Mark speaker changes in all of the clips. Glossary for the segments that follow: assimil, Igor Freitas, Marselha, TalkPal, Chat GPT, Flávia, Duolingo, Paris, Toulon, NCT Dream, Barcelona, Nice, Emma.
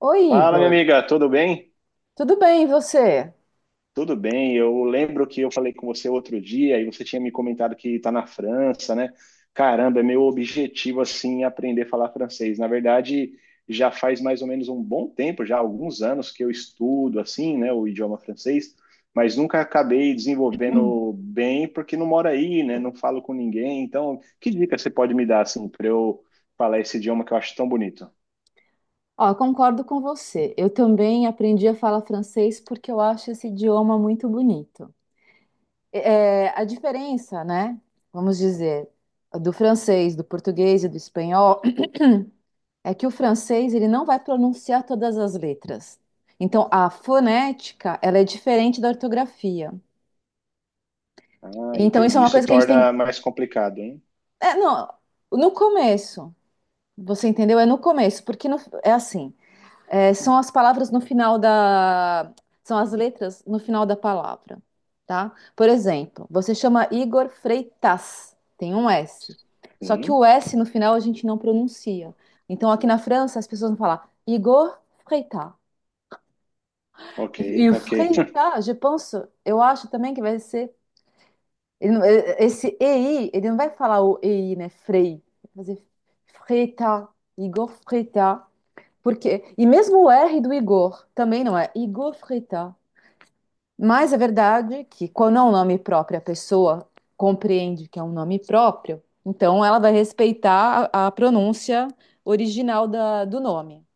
Speaker 1: Oi,
Speaker 2: Fala, minha
Speaker 1: Igor.
Speaker 2: amiga, tudo bem?
Speaker 1: Tudo bem, e você?
Speaker 2: Tudo bem. Eu lembro que eu falei com você outro dia e você tinha me comentado que está na França, né? Caramba, é meu objetivo assim aprender a falar francês. Na verdade, já faz mais ou menos um bom tempo, já há alguns anos que eu estudo assim, né, o idioma francês, mas nunca acabei desenvolvendo bem porque não moro aí, né? Não falo com ninguém. Então, que dica você pode me dar assim para eu falar esse idioma que eu acho tão bonito?
Speaker 1: Ó, concordo com você. Eu também aprendi a falar francês porque eu acho esse idioma muito bonito. É, a diferença, né, vamos dizer, do francês, do português e do espanhol é que o francês ele não vai pronunciar todas as letras. Então, a fonética, ela é diferente da ortografia.
Speaker 2: Ah,
Speaker 1: Então, isso
Speaker 2: entendi.
Speaker 1: é uma
Speaker 2: Isso
Speaker 1: coisa que a gente tem...
Speaker 2: torna mais complicado, hein?
Speaker 1: É, não, no começo, você entendeu? É no começo, porque no- é assim... É, são as palavras no final da. São as letras no final da palavra, tá? Por exemplo, você chama Igor Freitas, tem um S. Só que o
Speaker 2: Sim.
Speaker 1: S no final a gente não pronuncia. Então aqui na França as pessoas vão falar Igor Freitas.
Speaker 2: Ok,
Speaker 1: E o
Speaker 2: ok,
Speaker 1: Freitas, eu acho também que vai ser. Ele não- eh, Esse EI, ele não vai falar o EI, né? Frei. Vai fazer Freitas, Igor Freitas. Porque, e mesmo o R do Igor também não é Igor Frita. Mas é verdade que quando é um nome próprio, a pessoa compreende que é um nome próprio, então ela vai respeitar a pronúncia original do nome,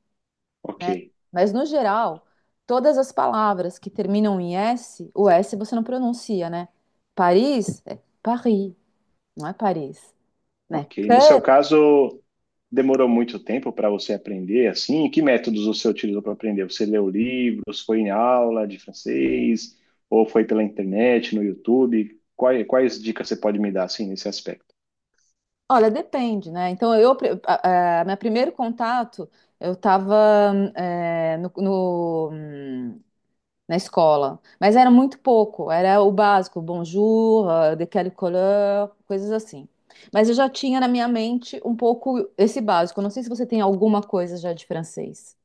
Speaker 2: ok,
Speaker 1: né? Mas no geral, todas as palavras que terminam em S, o S você não pronuncia, né? Paris é Paris, não é Paris, né?
Speaker 2: ok. No seu caso, demorou muito tempo para você aprender assim? E que métodos você utilizou para aprender? Você leu livros, foi em aula de francês, ou foi pela internet, no YouTube? Quais dicas você pode me dar assim nesse aspecto?
Speaker 1: Olha, depende, né? Então, eu, meu primeiro contato, eu estava no, no- hum, na escola, mas era muito pouco, era o básico, bonjour, de quelle couleur, coisas assim. Mas eu já tinha na minha mente um pouco esse básico. Eu não sei se você tem alguma coisa já de francês.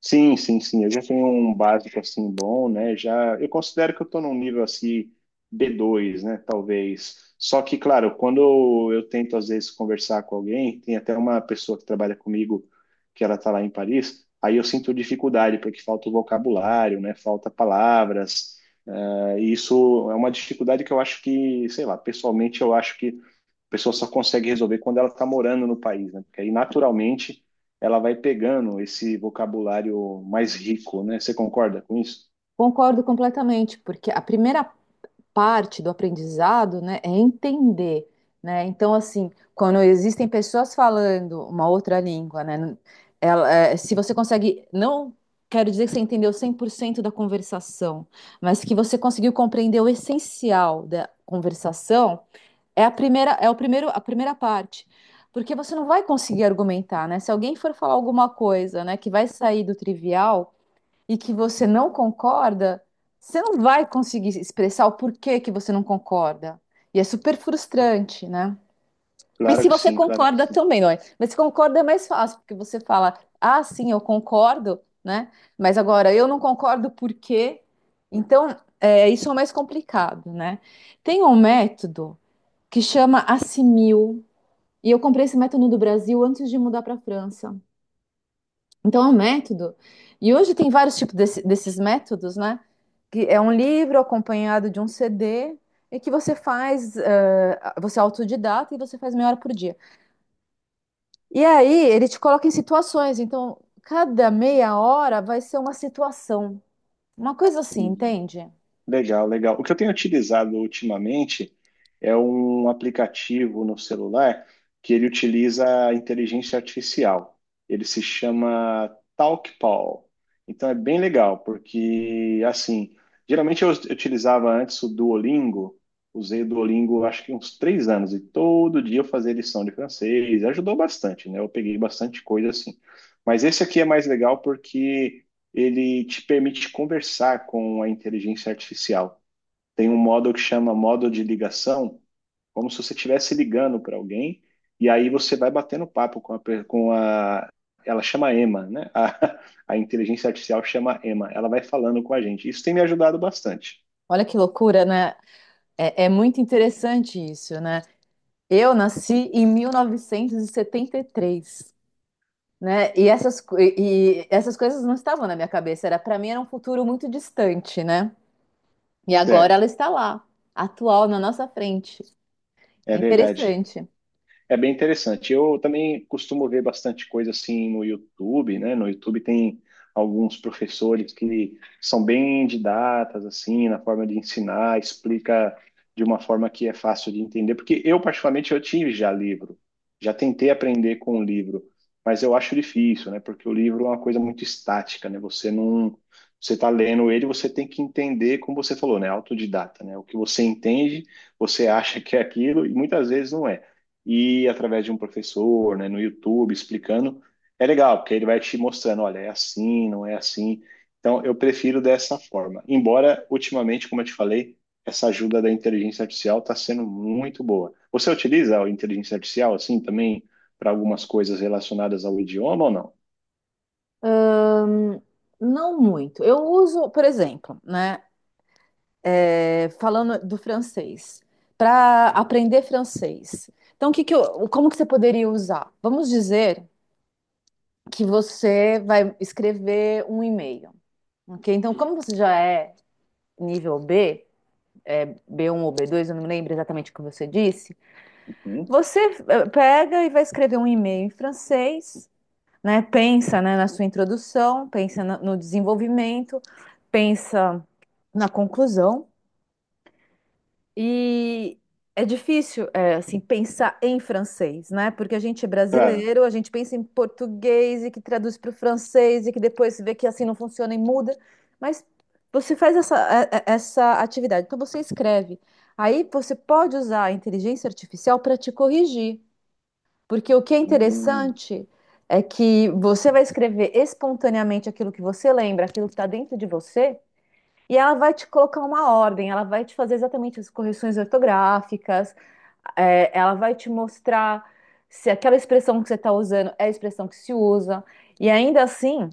Speaker 2: Sim, sim, sim. Eu já tenho um básico assim bom, né? Já eu considero que eu estou num nível assim B2, né? Talvez. Só que, claro, quando eu tento às vezes conversar com alguém, tem até uma pessoa que trabalha comigo que ela está lá em Paris, aí eu sinto dificuldade porque falta o vocabulário, né? Falta palavras. E isso é uma dificuldade que eu acho que, sei lá, pessoalmente eu acho que a pessoa só consegue resolver quando ela está morando no país, né? Porque aí, naturalmente, ela vai pegando esse vocabulário mais rico, né? Você concorda com isso?
Speaker 1: Concordo completamente, porque a primeira parte do aprendizado, né, é entender, né? Então, assim, quando existem pessoas falando uma outra língua, né, ela, é, se você consegue, não quero dizer que você entendeu 100% da conversação, mas que você conseguiu compreender o essencial da conversação, é a primeira, é o primeiro, a primeira parte. Porque você não vai conseguir argumentar, né? Se alguém for falar alguma coisa, né, que vai sair do trivial, e que você não concorda, você não vai conseguir expressar o porquê que você não concorda. E é super frustrante, né? E
Speaker 2: Claro
Speaker 1: se
Speaker 2: que
Speaker 1: você
Speaker 2: sim, claro que
Speaker 1: concorda
Speaker 2: sim.
Speaker 1: também, não é? Mas se concorda é mais fácil, porque você fala, ah, sim, eu concordo, né? Mas agora eu não concordo por quê? Então, é, isso é mais complicado, né? Tem um método que chama assimil, e eu comprei esse método no Brasil antes de mudar para a França, então é um método. E hoje tem vários tipos desses métodos, né? Que é um livro acompanhado de um CD e que você faz, você é autodidata e você faz meia hora por dia. E aí ele te coloca em situações. Então, cada meia hora vai ser uma situação. Uma coisa assim, entende?
Speaker 2: Legal, legal. O que eu tenho utilizado ultimamente é um aplicativo no celular que ele utiliza a inteligência artificial. Ele se chama TalkPal. Então é bem legal, porque assim, geralmente eu utilizava antes o Duolingo, usei o Duolingo acho que uns 3 anos, e todo dia eu fazia lição de francês, ajudou bastante, né? Eu peguei bastante coisa assim. Mas esse aqui é mais legal porque ele te permite conversar com a inteligência artificial. Tem um modo que chama modo de ligação, como se você estivesse ligando para alguém, e aí você vai batendo papo com a, com a. Ela chama Emma, né? A inteligência artificial chama Emma. Ela vai falando com a gente. Isso tem me ajudado bastante.
Speaker 1: Olha que loucura, né? É muito interessante isso, né? Eu nasci em 1973. Né? E e essas coisas não estavam na minha cabeça. Era para mim, era um futuro muito distante, né? E agora
Speaker 2: Certo,
Speaker 1: ela está lá, atual na nossa frente. É
Speaker 2: é verdade.
Speaker 1: interessante.
Speaker 2: É bem interessante. Eu também costumo ver bastante coisa assim no YouTube, né? No YouTube tem alguns professores que são bem didatas, assim, na forma de ensinar, explica de uma forma que é fácil de entender. Porque eu, particularmente, eu tive já livro, já tentei aprender com o livro, mas eu acho difícil, né? Porque o livro é uma coisa muito estática, né? Você não, você está lendo ele, você tem que entender, como você falou, né? Autodidata, né? O que você entende, você acha que é aquilo e muitas vezes não é e através de um professor, né, no YouTube, explicando, é legal, porque ele vai te mostrando, olha, é assim, não é assim. Então, eu prefiro dessa forma. Embora, ultimamente, como eu te falei, essa ajuda da inteligência artificial está sendo muito boa. Você utiliza a inteligência artificial, assim, também para algumas coisas relacionadas ao idioma ou não?
Speaker 1: Ahn, não muito. Eu uso, por exemplo, né? É, falando do francês, para aprender francês. Então, o que que eu, como que você poderia usar? Vamos dizer que você vai escrever um e-mail, ok? Então, como você já é nível B, é, b um ou b dois, eu não lembro exatamente o que você disse.
Speaker 2: Hum?
Speaker 1: Você pega e vai escrever um e-mail em francês, né? Pensa, né, na sua introdução, pensa no desenvolvimento, pensa na conclusão e é difícil, é, assim, pensar em francês, né? Porque a gente é
Speaker 2: Claro.
Speaker 1: brasileiro, a gente pensa em português e que traduz para o francês e que depois se vê que assim não funciona e muda. Mas você faz essa atividade, então você escreve. Aí você pode usar a inteligência artificial para te corrigir, porque o que é
Speaker 2: Hum,
Speaker 1: interessante é que você vai escrever espontaneamente aquilo que você lembra, aquilo que está dentro de você. E ela vai te colocar uma ordem, ela vai te fazer exatamente as correções ortográficas, é, ela vai te mostrar se aquela expressão que você está usando é a expressão que se usa. E ainda assim,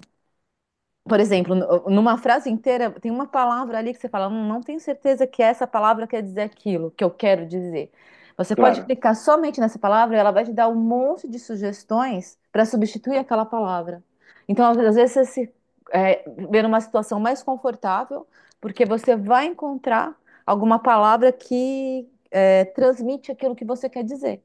Speaker 1: por exemplo, numa frase inteira, tem uma palavra ali que você fala, não tenho certeza que essa palavra quer dizer aquilo que eu quero dizer." Você pode
Speaker 2: Claro.
Speaker 1: clicar somente nessa palavra e ela vai te dar um monte de sugestões para substituir aquela palavra. Então, às vezes, você se é, vê numa situação mais confortável, porque você vai encontrar alguma palavra que transmite aquilo que você quer dizer.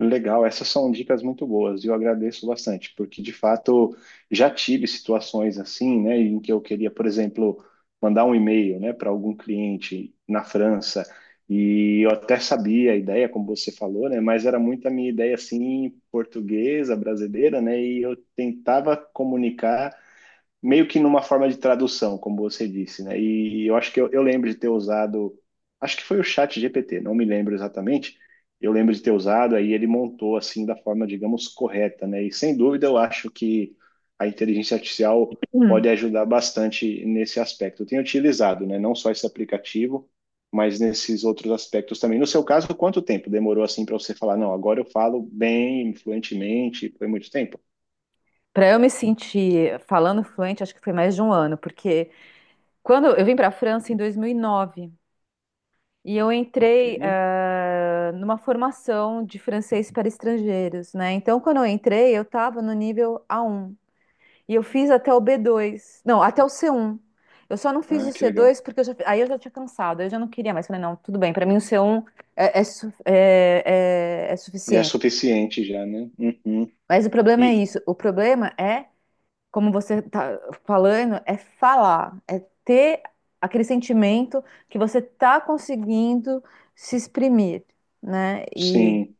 Speaker 2: Legal, essas são dicas muito boas e eu agradeço bastante, porque de fato já tive situações assim, né, em que eu queria, por exemplo, mandar um e-mail, né, para algum cliente na França e eu até sabia a ideia, como você falou, né, mas era muito a minha ideia assim portuguesa, brasileira, né, e eu tentava comunicar meio que numa forma de tradução, como você disse, né? E eu acho que eu lembro de ter usado, acho que foi o Chat GPT, não me lembro exatamente. Eu lembro de ter usado, aí ele montou assim da forma, digamos, correta, né? E sem dúvida eu acho que a inteligência artificial
Speaker 1: Hum.
Speaker 2: pode ajudar bastante nesse aspecto. Eu tenho utilizado, né? Não só esse aplicativo, mas nesses outros aspectos também. No seu caso, quanto tempo demorou assim para você falar, não, agora eu falo bem, fluentemente? Foi muito tempo?
Speaker 1: Para eu me sentir falando fluente, acho que foi mais de um ano, porque quando eu vim para a França em dois mil e nove e eu
Speaker 2: Ok.
Speaker 1: entrei numa formação de francês para estrangeiros, né? Então, quando eu entrei, eu estava no nível a um e eu fiz até o b dois, não, até o c um. Eu só não fiz
Speaker 2: Ah,
Speaker 1: o
Speaker 2: que
Speaker 1: c
Speaker 2: legal.
Speaker 1: dois porque aí eu já tinha cansado, eu já não queria mais. Falei, não, tudo bem, para mim o c um é, é, su- é- é
Speaker 2: Já é
Speaker 1: suficiente.
Speaker 2: suficiente, já, né? Uhum.
Speaker 1: Mas o problema é
Speaker 2: E
Speaker 1: isso, o problema é como você tá falando, é falar, é ter aquele sentimento que você tá conseguindo se exprimir, né? E
Speaker 2: sim.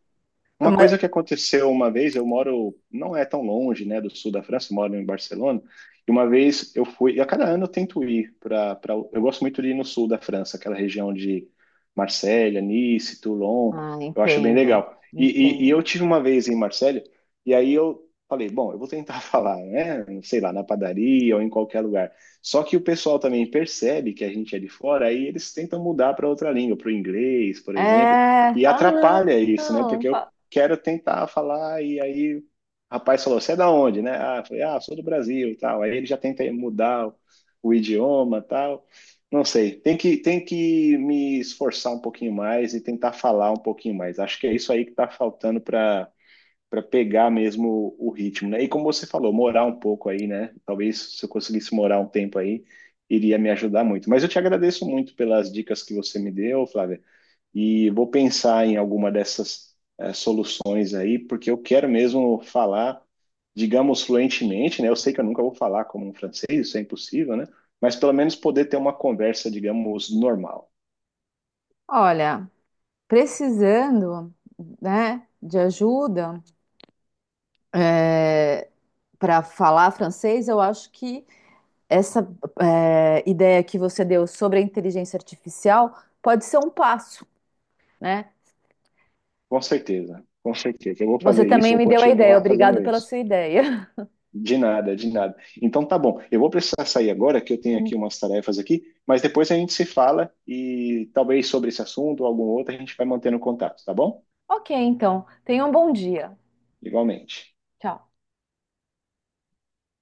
Speaker 2: Uma
Speaker 1: como
Speaker 2: coisa que aconteceu uma vez, eu moro, não é tão longe, né, do sul da França, eu moro em Barcelona, e uma vez eu fui, e a cada ano eu tento ir para, eu gosto muito de ir no sul da França, aquela região de Marselha, Nice, Toulon,
Speaker 1: Ah,
Speaker 2: eu acho bem
Speaker 1: entendo,
Speaker 2: legal. E
Speaker 1: entendo.
Speaker 2: eu tive uma vez em Marselha, e aí eu falei, bom, eu vou tentar falar, né, sei lá, na padaria ou em qualquer lugar. Só que o pessoal também percebe que a gente é de fora, aí eles tentam mudar para outra língua, para o inglês, por exemplo,
Speaker 1: É,
Speaker 2: e
Speaker 1: fala
Speaker 2: atrapalha isso, né?
Speaker 1: não.
Speaker 2: Porque eu quero tentar falar, e aí o rapaz falou, você é da onde, né? Ah, eu falei, ah, sou do Brasil, e tal. Aí ele já tenta mudar o, idioma, tal. Não sei, tem que me esforçar um pouquinho mais e tentar falar um pouquinho mais. Acho que é isso aí que está faltando para pegar mesmo o ritmo, né? E como você falou, morar um pouco aí, né? Talvez se eu conseguisse morar um tempo aí, iria me ajudar muito. Mas eu te agradeço muito pelas dicas que você me deu, Flávia, e vou pensar em alguma dessas soluções aí, porque eu quero mesmo falar, digamos, fluentemente, né? Eu sei que eu nunca vou falar como um francês, isso é impossível, né? Mas pelo menos poder ter uma conversa, digamos, normal.
Speaker 1: Olha, precisando, né, de ajuda para falar francês, eu acho que essa ideia que você deu sobre a inteligência artificial pode ser um passo, né?
Speaker 2: Com certeza, com certeza. Eu vou
Speaker 1: Você
Speaker 2: fazer isso,
Speaker 1: também
Speaker 2: vou
Speaker 1: me deu a ideia.
Speaker 2: continuar fazendo
Speaker 1: Obrigado pela
Speaker 2: isso.
Speaker 1: sua ideia.
Speaker 2: De nada, de nada. Então tá bom, eu vou precisar sair agora, que eu tenho aqui umas tarefas aqui, mas depois a gente se fala e talvez sobre esse assunto ou algum outro a gente vai mantendo contato, tá bom?
Speaker 1: Ok, então. Tenha um bom dia.
Speaker 2: Igualmente.
Speaker 1: Tchau.